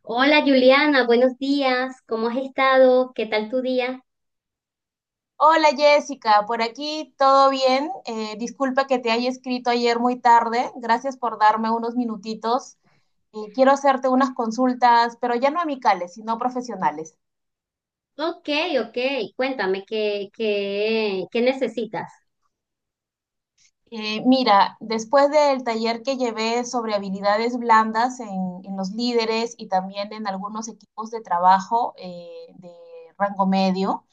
Hola Juliana, buenos días. ¿Cómo has estado? ¿Qué tal tu día? Hola Jessica, por aquí todo bien. Disculpa que te haya escrito ayer muy tarde. Gracias por darme unos minutitos. Quiero hacerte unas consultas, pero ya no amicales, sino profesionales. Ok, ok. Cuéntame, ¿qué necesitas? Mira, después del taller que llevé sobre habilidades blandas en los líderes y también en algunos equipos de trabajo de rango medio,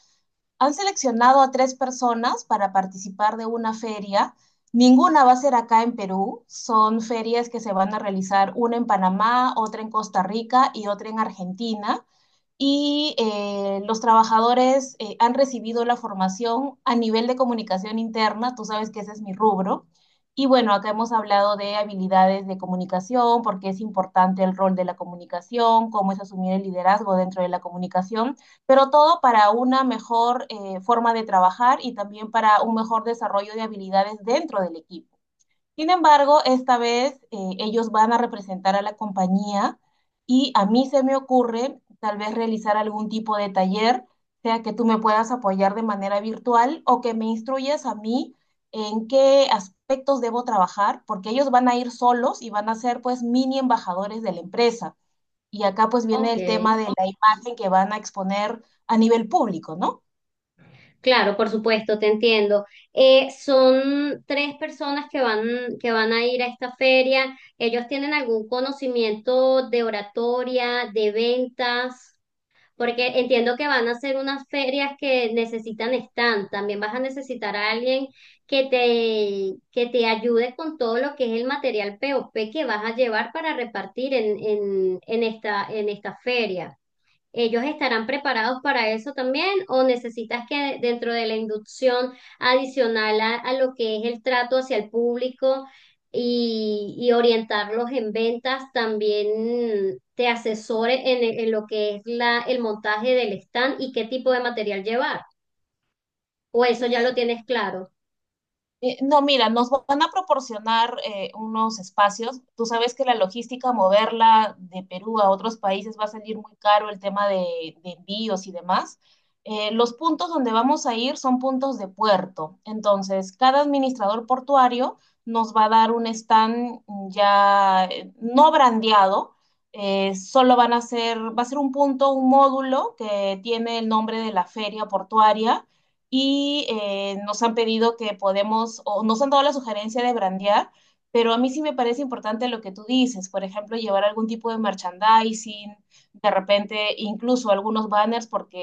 han seleccionado a tres personas para participar de una feria. Ninguna va a ser acá en Perú. Son ferias que se van a realizar una en Panamá, otra en Costa Rica y otra en Argentina, y los trabajadores han recibido la formación a nivel de comunicación interna. Tú sabes que ese es mi rubro. Y bueno, acá hemos hablado de habilidades de comunicación, por qué es importante el rol de la comunicación, cómo es asumir el liderazgo dentro de la comunicación, pero todo para una mejor forma de trabajar y también para un mejor desarrollo de habilidades dentro del equipo. Sin embargo, esta vez ellos van a representar a la compañía, y a mí se me ocurre tal vez realizar algún tipo de taller, sea que tú me puedas apoyar de manera virtual o que me instruyas a mí en qué aspectos debo trabajar, porque ellos van a ir solos y van a ser pues mini embajadores de la empresa. Y acá pues viene el tema Ok. de la imagen que van a exponer a nivel público, ¿no? Claro, por supuesto, te entiendo. Son tres personas que van a ir a esta feria. ¿Ellos tienen algún conocimiento de oratoria, de ventas? Porque entiendo que van a ser unas ferias que necesitan stand, también vas a necesitar a alguien que te ayude con todo lo que es el material POP que vas a llevar para repartir en esta, en esta feria. ¿Ellos estarán preparados para eso también o necesitas que dentro de la inducción adicional a lo que es el trato hacia el público y orientarlos en ventas, también te asesore en lo que es la, el montaje del stand y qué tipo de material llevar? ¿O eso Eh, ya lo tienes claro? No, mira, nos van a proporcionar unos espacios. Tú sabes que la logística, moverla de Perú a otros países, va a salir muy caro el tema de envíos y demás. Los puntos donde vamos a ir son puntos de puerto. Entonces, cada administrador portuario nos va a dar un stand ya no brandeado. Solo van a va a ser un punto, un módulo que tiene el nombre de la feria portuaria, y nos han pedido que podemos, o nos han dado la sugerencia de brandear, pero a mí sí me parece importante lo que tú dices, por ejemplo, llevar algún tipo de merchandising, de repente incluso algunos banners, porque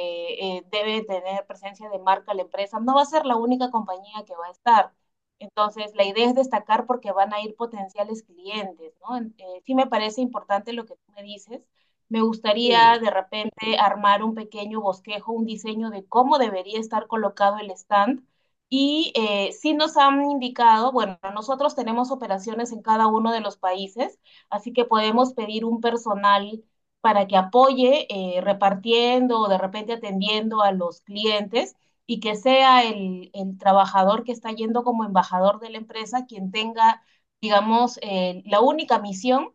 debe tener presencia de marca la empresa. No va a ser la única compañía que va a estar. Entonces, la idea es destacar porque van a ir potenciales clientes, ¿no? Sí me parece importante lo que tú me dices. Me gustaría Sí. de repente armar un pequeño bosquejo, un diseño de cómo debería estar colocado el stand. Y sí nos han indicado, bueno, nosotros tenemos operaciones en cada uno de los países, así que podemos pedir un personal para que apoye repartiendo o de repente atendiendo a los clientes, y que sea el trabajador que está yendo como embajador de la empresa quien tenga, digamos, la única misión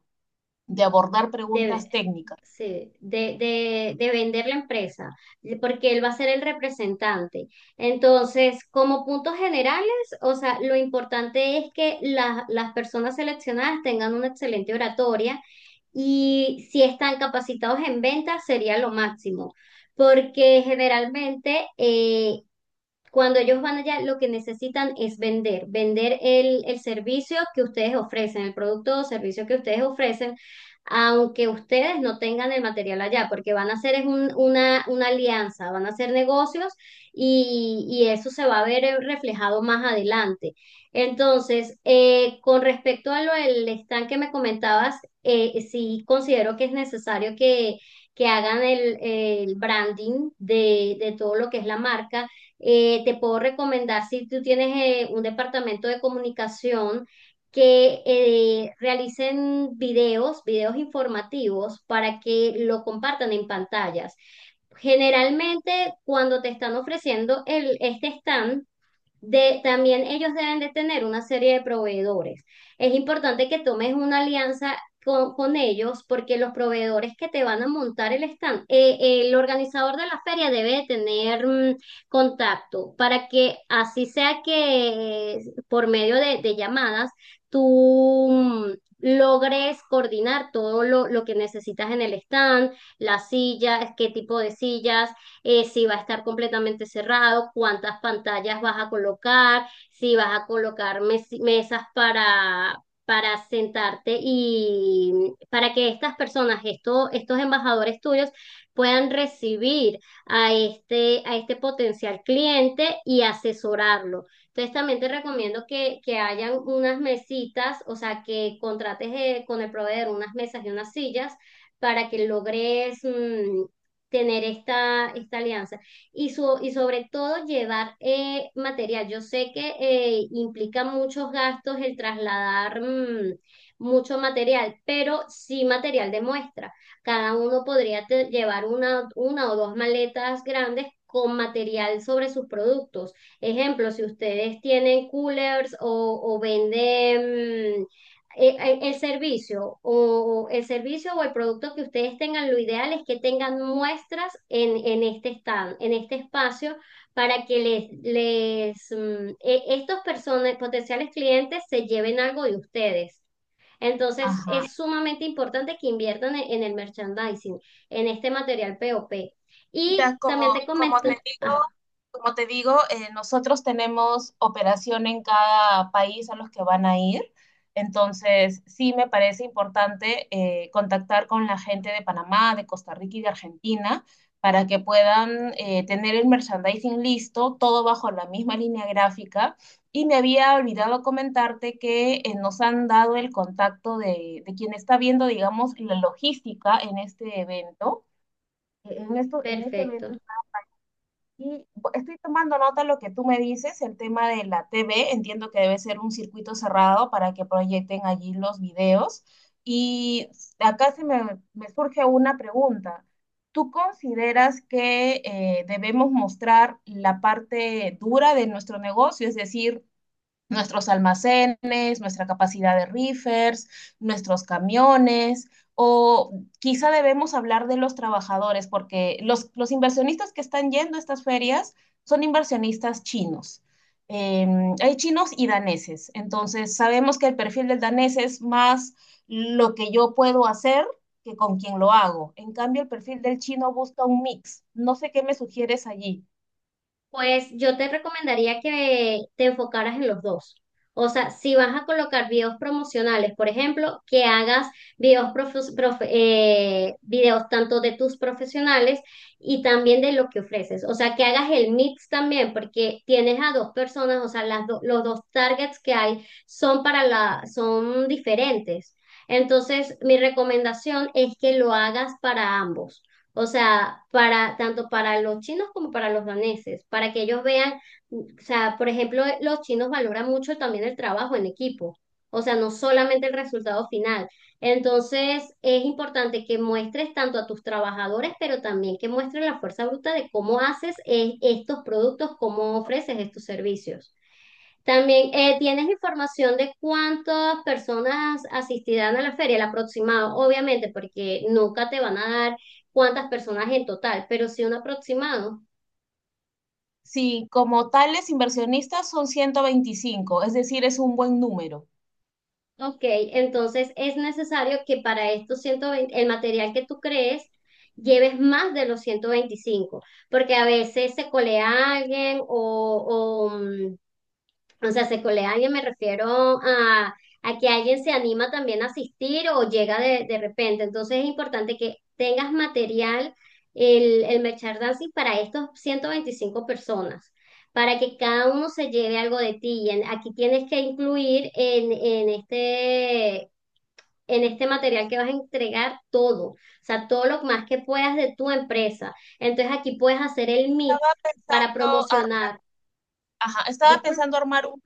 de abordar De, preguntas técnicas. sí, de vender la empresa, porque él va a ser el representante. Entonces, como puntos generales, o sea, lo importante es que las personas seleccionadas tengan una excelente oratoria, y si están capacitados en ventas sería lo máximo. Porque generalmente cuando ellos van allá, lo que necesitan es vender, vender el servicio que ustedes ofrecen, el producto o servicio que ustedes ofrecen, aunque ustedes no tengan el material allá, porque van a hacer es una alianza, van a hacer negocios y eso se va a ver reflejado más adelante. Entonces, con respecto a lo del stand que me comentabas, sí considero que es necesario que hagan el branding de todo lo que es la marca. Te puedo recomendar si tú tienes un departamento de comunicación que realicen videos, videos informativos para que lo compartan en pantallas. Generalmente cuando te están ofreciendo el, este stand, de, también ellos deben de tener una serie de proveedores. Es importante que tomes una alianza con ellos porque los proveedores que te van a montar el stand, el organizador de la feria debe de tener contacto para que así sea que por medio de llamadas tú logres coordinar todo lo que necesitas en el stand, las sillas, qué tipo de sillas. Si va a estar completamente cerrado, cuántas pantallas vas a colocar, si vas a colocar mesas para sentarte y para que estas personas, estos embajadores tuyos, puedan recibir a este potencial cliente y asesorarlo. Entonces también te recomiendo que hayan unas mesitas, o sea, que contrates con el proveedor unas mesas y unas sillas para que logres, tener esta, esta alianza y, su, y sobre todo llevar material. Yo sé que implica muchos gastos el trasladar mucho material, pero sí material de muestra. Cada uno podría llevar una o dos maletas grandes con material sobre sus productos. Ejemplo, si ustedes tienen coolers o venden el servicio o el servicio o el producto que ustedes tengan, lo ideal es que tengan muestras en este stand, en este espacio, para que les estos personas, potenciales clientes se lleven algo de ustedes. Entonces, Ajá. es sumamente importante que inviertan en el merchandising, en este material POP. Y Mira, también te como comento, te digo, ah, nosotros tenemos operación en cada país a los que van a ir. Entonces, sí me parece importante contactar con la gente de Panamá, de Costa Rica y de Argentina para que puedan tener el merchandising listo, todo bajo la misma línea gráfica. Y me había olvidado comentarte que nos han dado el contacto de quien está viendo, digamos, la logística en este evento. En este evento. perfecto. Y estoy tomando nota de lo que tú me dices, el tema de la TV. Entiendo que debe ser un circuito cerrado para que proyecten allí los videos. Y acá me surge una pregunta. ¿Tú consideras que debemos mostrar la parte dura de nuestro negocio, es decir, nuestros almacenes, nuestra capacidad de reefers, nuestros camiones, o quizá debemos hablar de los trabajadores? Porque los inversionistas que están yendo a estas ferias son inversionistas chinos. Eh, Hay chinos y daneses. Entonces sabemos que el perfil del danés es más lo que yo puedo hacer que con quien lo hago. En cambio, el perfil del chino busca un mix. No sé qué me sugieres allí. Pues yo te recomendaría que te enfocaras en los dos. O sea, si vas a colocar videos promocionales, por ejemplo, que hagas videos, videos tanto de tus profesionales y también de lo que ofreces. O sea, que hagas el mix también, porque tienes a dos personas, o sea, los dos targets que hay son para la, son diferentes. Entonces, mi recomendación es que lo hagas para ambos. O sea, para tanto para los chinos como para los daneses, para que ellos vean, o sea, por ejemplo, los chinos valoran mucho también el trabajo en equipo, o sea, no solamente el resultado final. Entonces, es importante que muestres tanto a tus trabajadores, pero también que muestres la fuerza bruta de cómo haces estos productos, cómo ofreces estos servicios. También, ¿tienes información de cuántas personas asistirán a la feria, el aproximado? Obviamente, porque nunca te van a dar cuántas personas en total, pero sí un aproximado. Sí, como tales inversionistas son 125, es decir, es un buen número. Ok, entonces es necesario que para estos 120, el material que tú crees, lleves más de los 125, porque a veces se colea alguien o sea, se colean y me refiero a que alguien se anima también a asistir o llega de repente. Entonces es importante que tengas material, el merchandising para estos 125 personas, para que cada uno se lleve algo de ti. Y aquí tienes que incluir en este material que vas a entregar todo, o sea, todo lo más que puedas de tu empresa. Entonces aquí puedes hacer el Estaba mix para pensando, ar- promocionar. ajá, estaba Disculpa, pensando armar un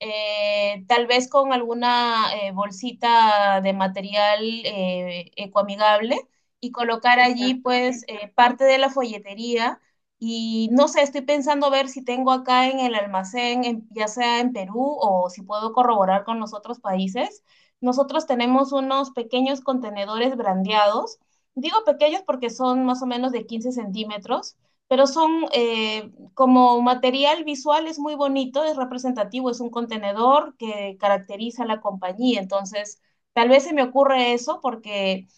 tal vez con alguna bolsita de material ecoamigable, y colocar allí exacto. pues parte de la folletería. Y no sé, estoy pensando ver si tengo acá en el almacén, ya sea en Perú, o si puedo corroborar con los otros países. Nosotros tenemos unos pequeños contenedores brandeados. Digo pequeños porque son más o menos de 15 centímetros, pero son como material visual es muy bonito, es representativo. Es un contenedor que caracteriza a la compañía. Entonces, tal vez se me ocurre eso porque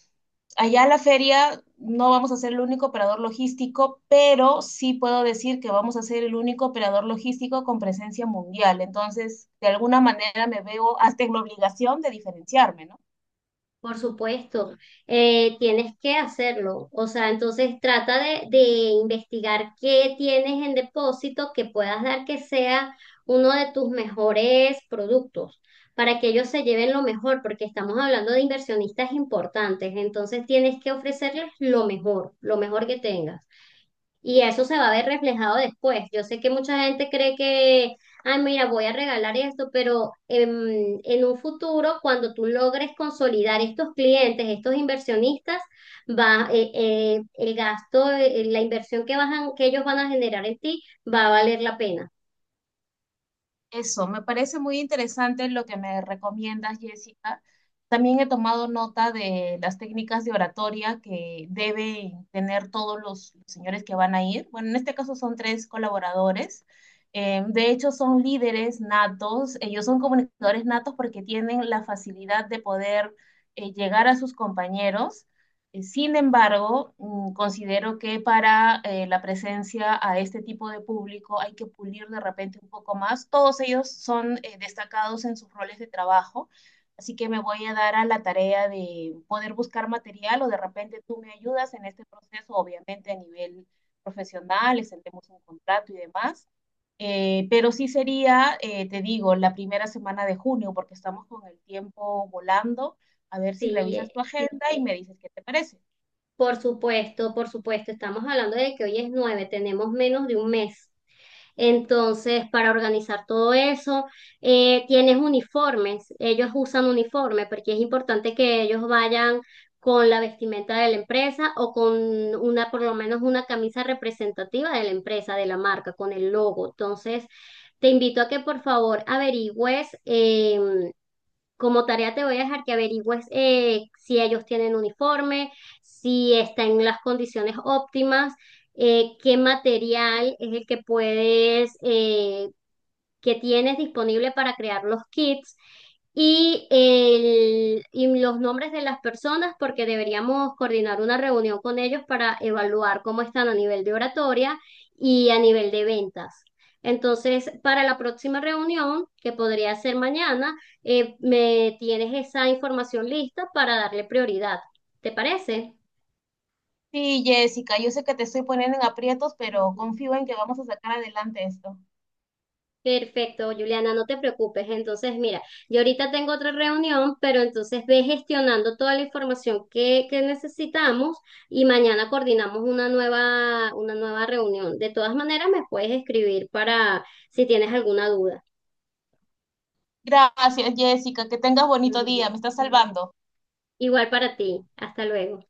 allá a la feria no vamos a ser el único operador logístico, pero sí puedo decir que vamos a ser el único operador logístico con presencia mundial. Entonces, de alguna manera me veo hasta en la obligación de diferenciarme, ¿no? Por supuesto, tienes que hacerlo. O sea, entonces trata de investigar qué tienes en depósito que puedas dar que sea uno de tus mejores productos para que ellos se lleven lo mejor, porque estamos hablando de inversionistas importantes. Entonces tienes que ofrecerles lo mejor que tengas. Y eso se va a ver reflejado después. Yo sé que mucha gente cree que, ah, mira, voy a regalar esto, pero en, un futuro, cuando tú logres consolidar estos clientes, estos inversionistas, el gasto, la inversión que, que ellos van a generar en ti va a valer la pena. Eso, me parece muy interesante lo que me recomiendas, Jessica. También he tomado nota de las técnicas de oratoria que deben tener todos los señores que van a ir. Bueno, en este caso son tres colaboradores. De hecho, son líderes natos. Ellos son comunicadores natos porque tienen la facilidad de poder llegar a sus compañeros. Sin embargo, mm, considero que para la presencia a este tipo de público hay que pulir de repente un poco más. Todos ellos son destacados en sus roles de trabajo, así que me voy a dar a la tarea de poder buscar material, o de repente tú me ayudas en este proceso, obviamente a nivel profesional, extendemos un contrato y demás. Pero sí sería, te digo, la primera semana de junio, porque estamos con el tiempo volando. A ver si Sí, revisas tu agenda y me dices qué te parece. por supuesto, por supuesto. Estamos hablando de que hoy es nueve, tenemos menos de un mes. Entonces, para organizar todo eso, tienes uniformes, ellos usan uniforme porque es importante que ellos vayan con la vestimenta de la empresa o con una, por lo menos una camisa representativa de la empresa, de la marca, con el logo. Entonces, te invito a que por favor averigües. Como tarea te voy a dejar que averigües si ellos tienen uniforme, si está en las condiciones óptimas, qué material es el que puedes que tienes disponible para crear los kits y los nombres de las personas, porque deberíamos coordinar una reunión con ellos para evaluar cómo están a nivel de oratoria y a nivel de ventas. Entonces, para la próxima reunión, que podría ser mañana, me tienes esa información lista para darle prioridad. ¿Te parece? Sí, Jessica, yo sé que te estoy poniendo en aprietos, pero confío en que vamos a sacar adelante esto. Perfecto, Juliana, no te preocupes. Entonces, mira, yo ahorita tengo otra reunión, pero entonces ve gestionando toda la información que necesitamos y mañana coordinamos una nueva reunión. De todas maneras, me puedes escribir para si tienes alguna duda. Gracias, Jessica, que tengas bonito día, me estás salvando. Igual para ti. Hasta luego.